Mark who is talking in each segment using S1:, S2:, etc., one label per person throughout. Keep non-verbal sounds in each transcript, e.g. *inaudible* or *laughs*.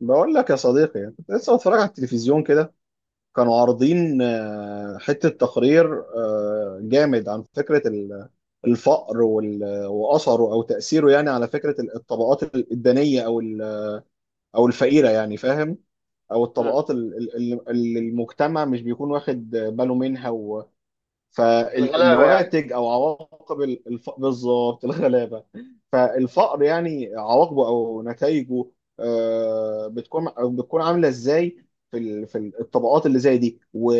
S1: بقول لك يا صديقي، أنا كنت لسه بتفرج على التلفزيون كده. كانوا عارضين حتة تقرير جامد عن فكرة الفقر وأثره أو تأثيره، يعني على فكرة الطبقات الدنية أو الفقيرة، يعني فاهم، أو
S2: مم.
S1: الطبقات اللي المجتمع مش بيكون واخد باله منها.
S2: الغلابه يعني.
S1: فالنواتج او عواقب بالظبط الغلابه. فالفقر يعني عواقبه او نتائجه. آه، بتكون بتكون عامله ازاي في في الطبقات اللي زي دي و...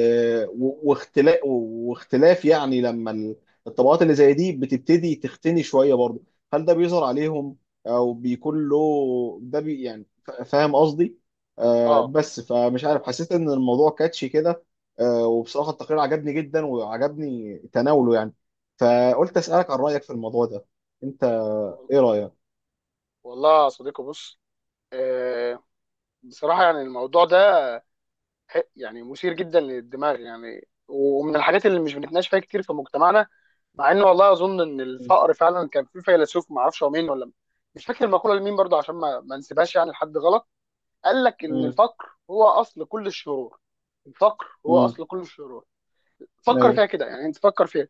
S1: و... واختلاف، يعني لما الطبقات اللي زي دي بتبتدي تختني شويه برضه. هل ده بيظهر عليهم، او بيكون له ده يعني فاهم قصدي؟
S2: اه،
S1: بس فمش عارف، حسيت ان الموضوع كاتشي كده. وبصراحه التقرير عجبني جدا وعجبني تناوله، يعني. فقلت اسالك عن رايك في الموضوع ده انت،
S2: وال-
S1: ايه رايك؟
S2: والله يا صديقي بص، آه بصراحه يعني الموضوع ده يعني مثير جدا للدماغ، يعني ومن الحاجات اللي مش بنتناقش فيها كتير في مجتمعنا، مع انه والله اظن ان
S1: مم.
S2: الفقر فعلا كان في فيلسوف ما اعرفش هو مين، ولا مش فاكر المقوله لمين برضه، عشان ما نسيبهاش يعني لحد غلط، قال لك ان
S1: مم.
S2: الفقر هو اصل كل الشرور. الفقر هو
S1: مم.
S2: اصل كل الشرور. فكر
S1: ايوه.
S2: فيها كده، يعني انت فكر فيها.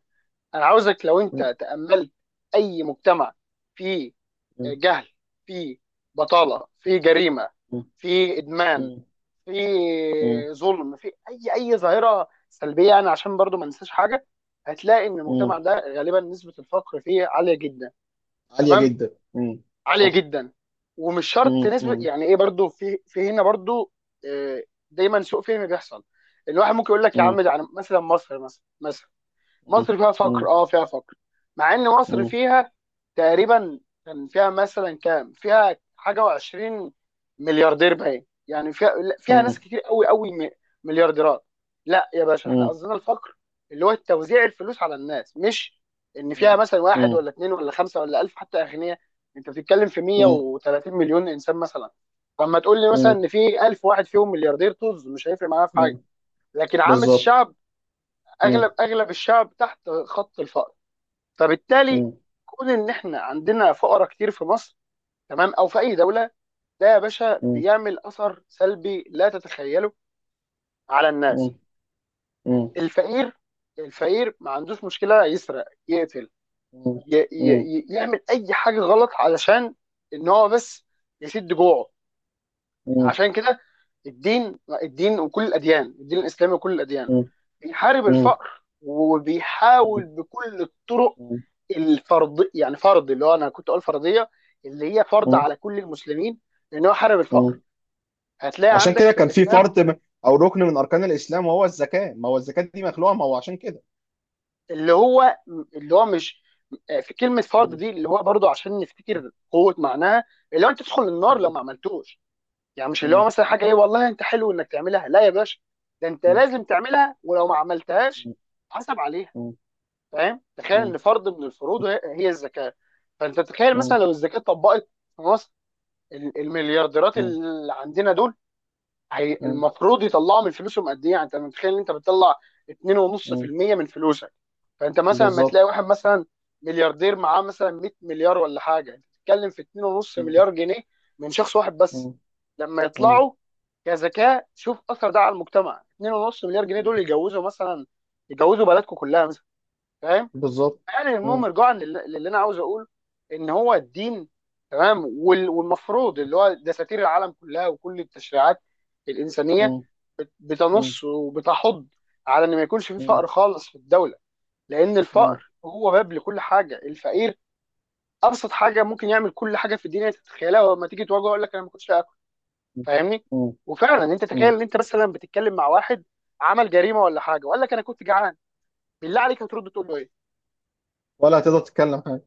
S2: انا عاوزك لو
S1: مم.
S2: انت تأملت اي مجتمع فيه
S1: مم.
S2: جهل، فيه بطالة، فيه جريمة،
S1: مم.
S2: فيه ادمان،
S1: مم. مم.
S2: فيه ظلم، فيه اي ظاهرة سلبية، يعني عشان برضو ما ننساش حاجة، هتلاقي ان
S1: مم.
S2: المجتمع ده غالبا نسبة الفقر فيه عالية جدا.
S1: عاليه
S2: تمام،
S1: جدا، مم.
S2: عالية
S1: صح.
S2: جدا. ومش شرط
S1: مم.
S2: نسبة
S1: مم.
S2: يعني ايه، برضو في هنا برضو. آه، دايما سوء فهم بيحصل. الواحد ممكن يقول لك يا
S1: مم.
S2: عم ده يعني مثلا، مصر مثلا،
S1: مم.
S2: مصر فيها فقر،
S1: مم.
S2: اه فيها فقر، مع ان مصر
S1: مم.
S2: فيها تقريبا، كان فيها مثلا كام، فيها حاجه و20 ملياردير باين يعني. فيها، لا، فيها ناس كتير قوي قوي، مليارديرات. لا يا باشا، احنا
S1: مم.
S2: قصدنا الفقر، اللي هو توزيع الفلوس على الناس، مش ان فيها
S1: مم.
S2: مثلا واحد
S1: مم.
S2: ولا اتنين ولا خمسه ولا الف حتى اغنياء. انت بتتكلم في
S1: مم. مم.
S2: 130 مليون انسان مثلا، فلما تقول لي مثلا
S1: مم.
S2: ان في 1000 واحد فيهم ملياردير، طز، مش هيفرق معايا في حاجه.
S1: مم.
S2: لكن عامه
S1: بالظبط.
S2: الشعب،
S1: مم،
S2: اغلب الشعب تحت خط الفقر. فبالتالي
S1: مم.
S2: كون ان احنا عندنا فقراء كتير في مصر، تمام، او في اي دوله، ده يا باشا
S1: مم.
S2: بيعمل اثر سلبي لا تتخيله على
S1: مم.
S2: الناس.
S1: مم.
S2: الفقير، الفقير ما عندوش مشكله يسرق، يقتل،
S1: مم.
S2: ي ي
S1: مم.
S2: ي يعمل اي حاجه غلط علشان ان هو بس يسد جوعه.
S1: مم.
S2: عشان كده الدين، الدين وكل الاديان، الدين الاسلامي وكل الاديان، بيحارب
S1: مم.
S2: الفقر
S1: مم.
S2: وبيحاول بكل الطرق.
S1: مم.
S2: الفرض يعني فرض، اللي هو انا كنت اقول فرضيه، اللي هي فرض
S1: مم.
S2: على كل المسلمين، لان هو حارب الفقر.
S1: مم.
S2: هتلاقي
S1: عشان
S2: عندك
S1: كده
S2: في
S1: كان في
S2: الاسلام
S1: فرض، او ركن من اركان الاسلام وهو الزكاه. ما هو الزكاه دي مخلوقه، ما هو عشان كده.
S2: اللي هو اللي هو مش، في كلمه فرض دي اللي هو برضو عشان نفتكر قوه معناها، اللي هو انت تدخل النار لو ما عملتوش. يعني مش اللي هو مثلا حاجه ايه، والله انت حلو انك تعملها، لا يا باشا، ده انت لازم تعملها، ولو ما عملتهاش حسب عليها. فاهم؟ تخيل ان فرض من الفروض هي هي الزكاه. فانت تخيل مثلا لو الزكاه اتطبقت في مصر، المليارديرات اللي عندنا دول، هي المفروض يطلعوا من فلوسهم قد ايه؟ يعني انت متخيل ان انت بتطلع 2.5% من فلوسك؟ فانت مثلا ما
S1: بالظبط.
S2: تلاقي واحد مثلا ملياردير معاه مثلا 100 مليار ولا حاجه، انت بتتكلم في 2.5 مليار جنيه من شخص واحد بس لما يطلعوا كذكاء. شوف اثر ده على المجتمع، 2.5 مليار جنيه دول يجوزوا مثلا، يجوزوا بلدكم كلها مثلا. فاهم؟
S1: بالظبط.
S2: يعني المهم رجوعا للي انا عاوز اقوله، ان هو الدين، تمام، والمفروض اللي هو دساتير العالم كلها وكل التشريعات الانسانيه، بتنص وبتحض على ان ما يكونش في فقر خالص في الدوله، لان الفقر هو باب لكل حاجه. الفقير ابسط حاجه ممكن يعمل كل حاجه في الدنيا تتخيلها، ولما تيجي تواجهه يقول لك انا ما كنتش اكل. فاهمني؟ وفعلا انت تخيل ان انت مثلا بتتكلم مع واحد عمل جريمه ولا حاجه وقال لك انا كنت جعان، بالله عليك هترد تقول له ايه؟
S1: ولا هتقدر تتكلم حاجه.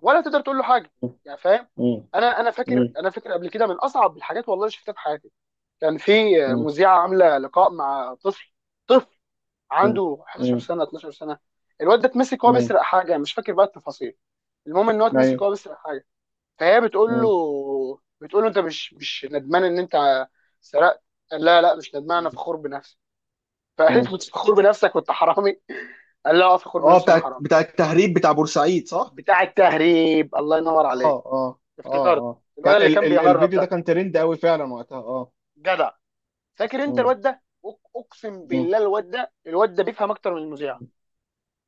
S2: ولا تقدر تقول له حاجه. يعني فاهم. انا انا فاكر انا فاكر قبل كده من اصعب الحاجات والله اللي شفتها في حياتي، كان في مذيعه عامله لقاء مع طفل، طفل عنده 11 سنه 12 سنه. الواد ده اتمسك وهو بيسرق حاجه، مش فاكر بقى التفاصيل، المهم ان هو اتمسك
S1: ايوه.
S2: وهو بيسرق حاجه. فهي بتقول له انت مش ندمان ان انت سرقت؟ قال لا لا، مش ندمان، انا فخور بنفسي. فقالت له فخور بنفسك وانت حرامي؟ قال لا اه، فخور
S1: اه.
S2: بنفسي وانا
S1: بتاع
S2: حرامي.
S1: بتاع التهريب بتاع بورسعيد، صح.
S2: بتاع التهريب، الله ينور
S1: اه.
S2: عليك،
S1: اه. اه.
S2: افتكرت
S1: اه. كان
S2: الولد اللي
S1: ال
S2: كان
S1: ال
S2: بيهرب
S1: الفيديو ده
S2: ده.
S1: كان ترند قوي فعلا وقتها، اه.
S2: جدع. فاكر انت
S1: مم.
S2: الواد ده؟ اقسم
S1: مم.
S2: بالله الواد ده بيفهم اكتر من المذيع.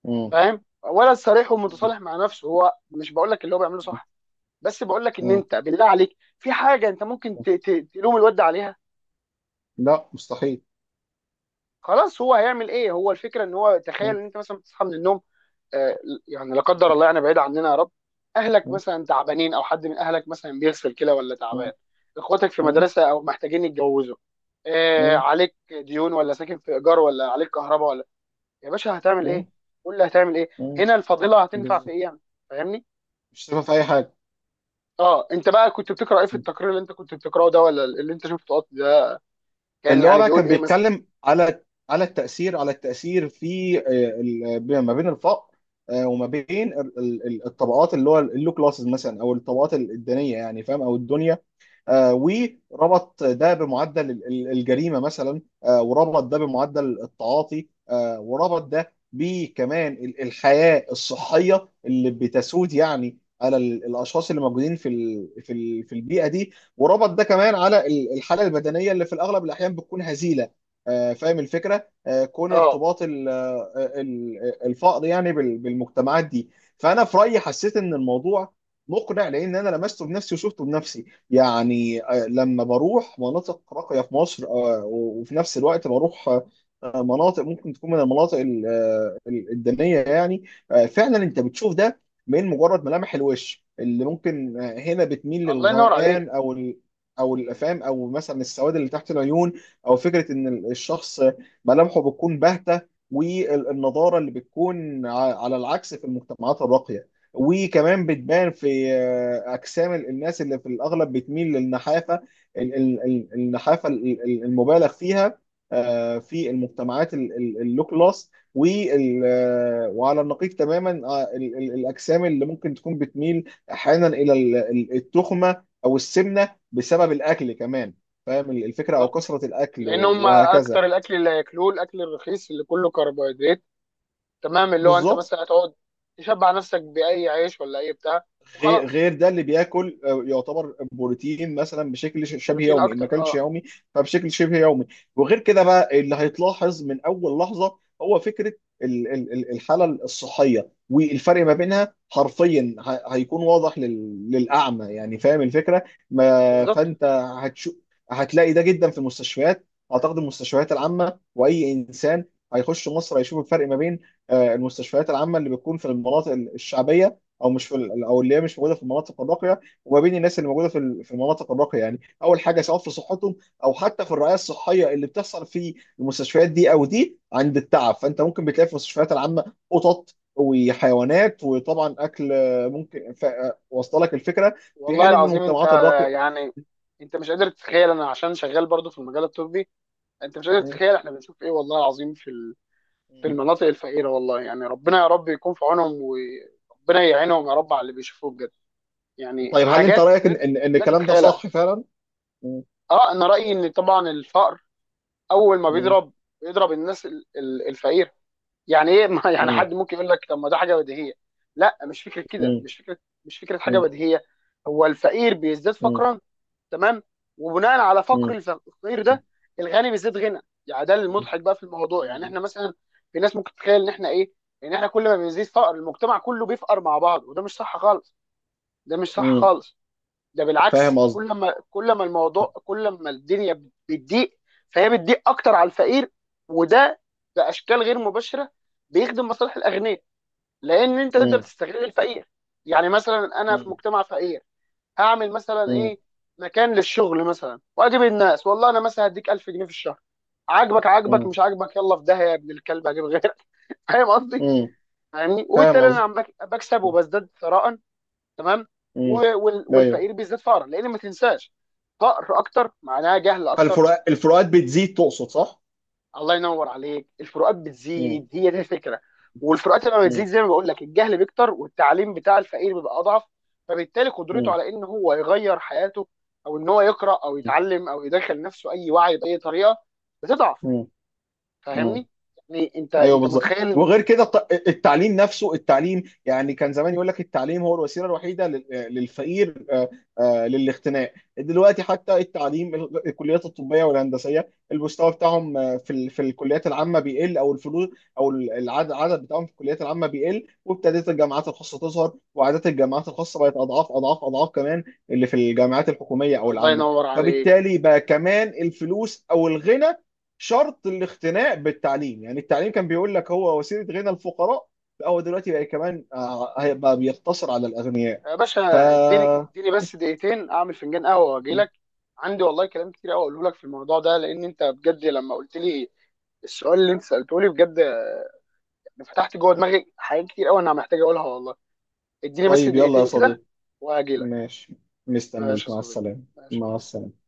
S1: مم.
S2: فاهم؟ ولا صريح
S1: مم.
S2: ومتصالح مع نفسه. هو مش بقول لك اللي هو بيعمله
S1: مم.
S2: صح، بس بقول لك ان
S1: مم.
S2: انت بالله عليك في حاجه انت ممكن تلوم الواد ده عليها؟
S1: لا، مستحيل.
S2: خلاص هو هيعمل ايه؟ هو الفكره ان هو، تخيل
S1: مم.
S2: ان انت مثلا بتصحى من النوم، آه، يعني لا قدر الله، يعني بعيد عننا يا رب، اهلك
S1: مم.
S2: مثلا تعبانين او حد من اهلك مثلا بيغسل كلى ولا تعبان،
S1: مم.
S2: اخواتك في
S1: مم.
S2: مدرسه او محتاجين يتجوزوا، آه،
S1: مم.
S2: عليك ديون ولا ساكن في ايجار ولا عليك كهرباء، يا باشا هتعمل ايه؟
S1: مم.
S2: قول لي هتعمل ايه.
S1: مم.
S2: هنا الفضيله هتنفع في
S1: بالظبط.
S2: ايه يعني؟ فاهمني؟
S1: مش شايفها في اي حاجه.
S2: اه، انت بقى كنت بتقرا ايه في
S1: مم.
S2: التقرير اللي انت كنت بتقراه ده، ولا اللي انت شفته ده، كان
S1: اللي هو
S2: يعني
S1: بقى
S2: بيقول
S1: كان
S2: ايه مثلا؟
S1: بيتكلم على التاثير في ما بين الفقر. وما بين الطبقات اللي هو اللو كلاسز مثلا، او الطبقات الدينيه، يعني فاهم، او الدنيا. آه، وربط ده بمعدل الجريمه مثلا، وربط ده بمعدل التعاطي، وربط ده بكمان الحياه الصحيه اللي بتسود، يعني على الاشخاص اللي موجودين في في البيئه دي، وربط ده كمان على الحاله البدنيه اللي في الاغلب الاحيان بتكون هزيله. فاهم الفكره، كون
S2: اه،
S1: ارتباط الفقر يعني بالمجتمعات دي. فانا في رايي حسيت ان الموضوع مقنع، لان انا لمسته بنفسي وشفته بنفسي. يعني لما بروح مناطق راقية في مصر، وفي نفس الوقت بروح مناطق ممكن تكون من المناطق الدنية يعني. فعلا انت بتشوف ده من مجرد ملامح الوش، اللي ممكن هنا بتميل
S2: الله ينور عليك،
S1: للغمقان او الافام، او مثلا السواد اللي تحت العيون، او فكرة ان الشخص ملامحه بتكون باهتة، والنضارة اللي بتكون على العكس في المجتمعات الراقية. وكمان بتبان في اجسام الناس، اللي في الاغلب بتميل للنحافه، النحافه المبالغ فيها، في المجتمعات اللو كلاس، وعلى النقيض تماما، الاجسام اللي ممكن تكون بتميل احيانا الى التخمه او السمنه، بسبب الاكل كمان، فاهم الفكره، او
S2: بالظبط،
S1: كثره الاكل،
S2: لان هم
S1: وهكذا.
S2: اكتر الاكل اللي هياكلوه الاكل الرخيص اللي كله كربوهيدرات. تمام، اللي هو انت
S1: بالظبط.
S2: مثلا هتقعد تشبع نفسك باي عيش ولا اي بتاع
S1: غير
S2: وخلاص.
S1: غير ده اللي بياكل يعتبر بروتين مثلا بشكل شبه
S2: بروتين
S1: يومي، ان ما
S2: اكتر،
S1: اكلش
S2: اه،
S1: يومي. فبشكل شبه يومي. وغير كده بقى، اللي هيتلاحظ من اول لحظه هو فكره الحاله الصحيه، والفرق ما بينها حرفيا هيكون واضح للاعمى، يعني فاهم الفكره، ما
S2: بالظبط.
S1: فانت هتشو هتلاقي ده جدا في المستشفيات. اعتقد المستشفيات العامه، واي انسان هيخش مصر هيشوف الفرق ما بين المستشفيات العامه اللي بتكون في المناطق الشعبيه، او اللي هي مش موجوده في المناطق الراقيه، وما بين الناس اللي موجوده في في المناطق الراقيه، يعني اول حاجه سواء في صحتهم او حتى في الرعايه الصحيه اللي بتحصل في المستشفيات دي، او دي عند التعب، فانت ممكن بتلاقي في المستشفيات العامه قطط وحيوانات وطبعا اكل، واصله لك الفكره. في
S2: والله
S1: حين ان
S2: العظيم انت،
S1: المجتمعات الراقيه.
S2: يعني انت مش قادر تتخيل، انا عشان شغال برضو في المجال الطبي، انت مش قادر
S1: م-
S2: تتخيل احنا بنشوف ايه والله العظيم في في
S1: م.
S2: المناطق الفقيره. والله يعني ربنا يا رب يكون في عونهم وربنا يعينهم يا رب على اللي بيشوفوه بجد. يعني
S1: طيب، هل انت
S2: حاجات
S1: رايك ان ان إن
S2: لا
S1: الكلام ده
S2: تتخيلها.
S1: صح فعلا؟ م-
S2: اه، انا رايي ان طبعا الفقر اول ما
S1: م-
S2: بيضرب الناس الفقيره. يعني ايه *laughs* يعني
S1: م-
S2: حد ممكن يقول لك طب ما ده حاجه بديهيه. لا مش فكره كده،
S1: م-
S2: مش فكره، مش فكره حاجه
S1: م-
S2: بديهيه. هو الفقير بيزداد
S1: م-
S2: فقرا، تمام، وبناء على فقر
S1: م-
S2: الفقير
S1: م-
S2: ده الغني بيزيد غنى. يعني ده المضحك بقى في الموضوع. يعني
S1: م-
S2: احنا مثلا، في ناس ممكن تتخيل ان احنا ايه، ان احنا كل ما بيزيد فقر المجتمع كله بيفقر مع بعض، وده مش صح خالص، ده مش صح
S1: م-
S2: خالص. ده
S1: فاهم
S2: بالعكس،
S1: قصدي؟
S2: كل ما كل ما الموضوع، كل ما الدنيا بتضيق، فهي بتضيق اكتر على الفقير. وده باشكال غير مباشره بيخدم مصالح الاغنياء، لان انت تقدر تستغل الفقير. يعني مثلا انا في
S1: مم.
S2: مجتمع فقير، اعمل مثلا
S1: مم.
S2: ايه؟ مكان للشغل مثلا، واجيب الناس والله انا مثلا هديك 1000 جنيه في الشهر، عاجبك عاجبك،
S1: مم.
S2: مش عاجبك يلا في داهيه يا ابن الكلب، هجيب غيرك. *laughs* فاهم قصدي؟
S1: مم.
S2: فاهمني؟
S1: فاهم
S2: وبالتالي انا
S1: قصدي.
S2: عم بكسب وبزداد ثراء، تمام،
S1: مم. ايوه.
S2: والفقير بيزداد فقرا، لان ما تنساش فقر اكتر معناها جهل
S1: هل
S2: اكتر.
S1: الفروقات بتزيد، تقصد، صح؟
S2: الله ينور عليك، الفروقات
S1: مم.
S2: بتزيد، هي دي الفكره. والفروقات لما بتزيد
S1: مم.
S2: زي ما بقول لك، الجهل بيكتر، والتعليم بتاع الفقير بيبقى اضعف، فبالتالي قدرته
S1: مم.
S2: على ان هو يغير حياته، او ان هو يقرا او يتعلم او يدخل نفسه اي وعي باي طريقه، بتضعف.
S1: مم. مم.
S2: فاهمني؟ يعني انت
S1: ايوه،
S2: انت
S1: بالظبط.
S2: متخيل؟
S1: وغير كده التعليم نفسه، التعليم، يعني كان زمان يقول لك التعليم هو الوسيله الوحيده للفقير، للاختناق. دلوقتي حتى التعليم الكليات الطبيه والهندسيه، المستوى بتاعهم في في الكليات العامه بيقل، او الفلوس، او العدد بتاعهم في الكليات العامه بيقل، وابتدت الجامعات الخاصه تظهر، وعادات الجامعات الخاصه بقت اضعاف اضعاف اضعاف كمان اللي في الجامعات الحكوميه او
S2: الله
S1: العامه.
S2: ينور عليك.
S1: فبالتالي بقى كمان الفلوس او الغنى شرط الاختناق بالتعليم، يعني التعليم كان بيقول لك هو وسيله غنى الفقراء. لا، هو دلوقتي بقى كمان هيبقى بيقتصر على الاغنياء.
S2: يا
S1: ف
S2: باشا اديني، بس دقيقتين اعمل فنجان قهوه واجي لك. عندي والله كلام كتير قوي اقوله لك في الموضوع ده، لان انت بجد لما قلت لي السؤال اللي انت سالته لي، بجد فتحت جوه دماغي حاجات كتير قوي انا محتاج اقولها والله. اديني بس
S1: طيب، يلا يا
S2: دقيقتين كده
S1: صديقي.
S2: وهجيلك.
S1: ماشي.
S2: ماشي
S1: مستنيك،
S2: يا
S1: مع
S2: صديقي،
S1: السلامه.
S2: ماشي.
S1: مع السلامه.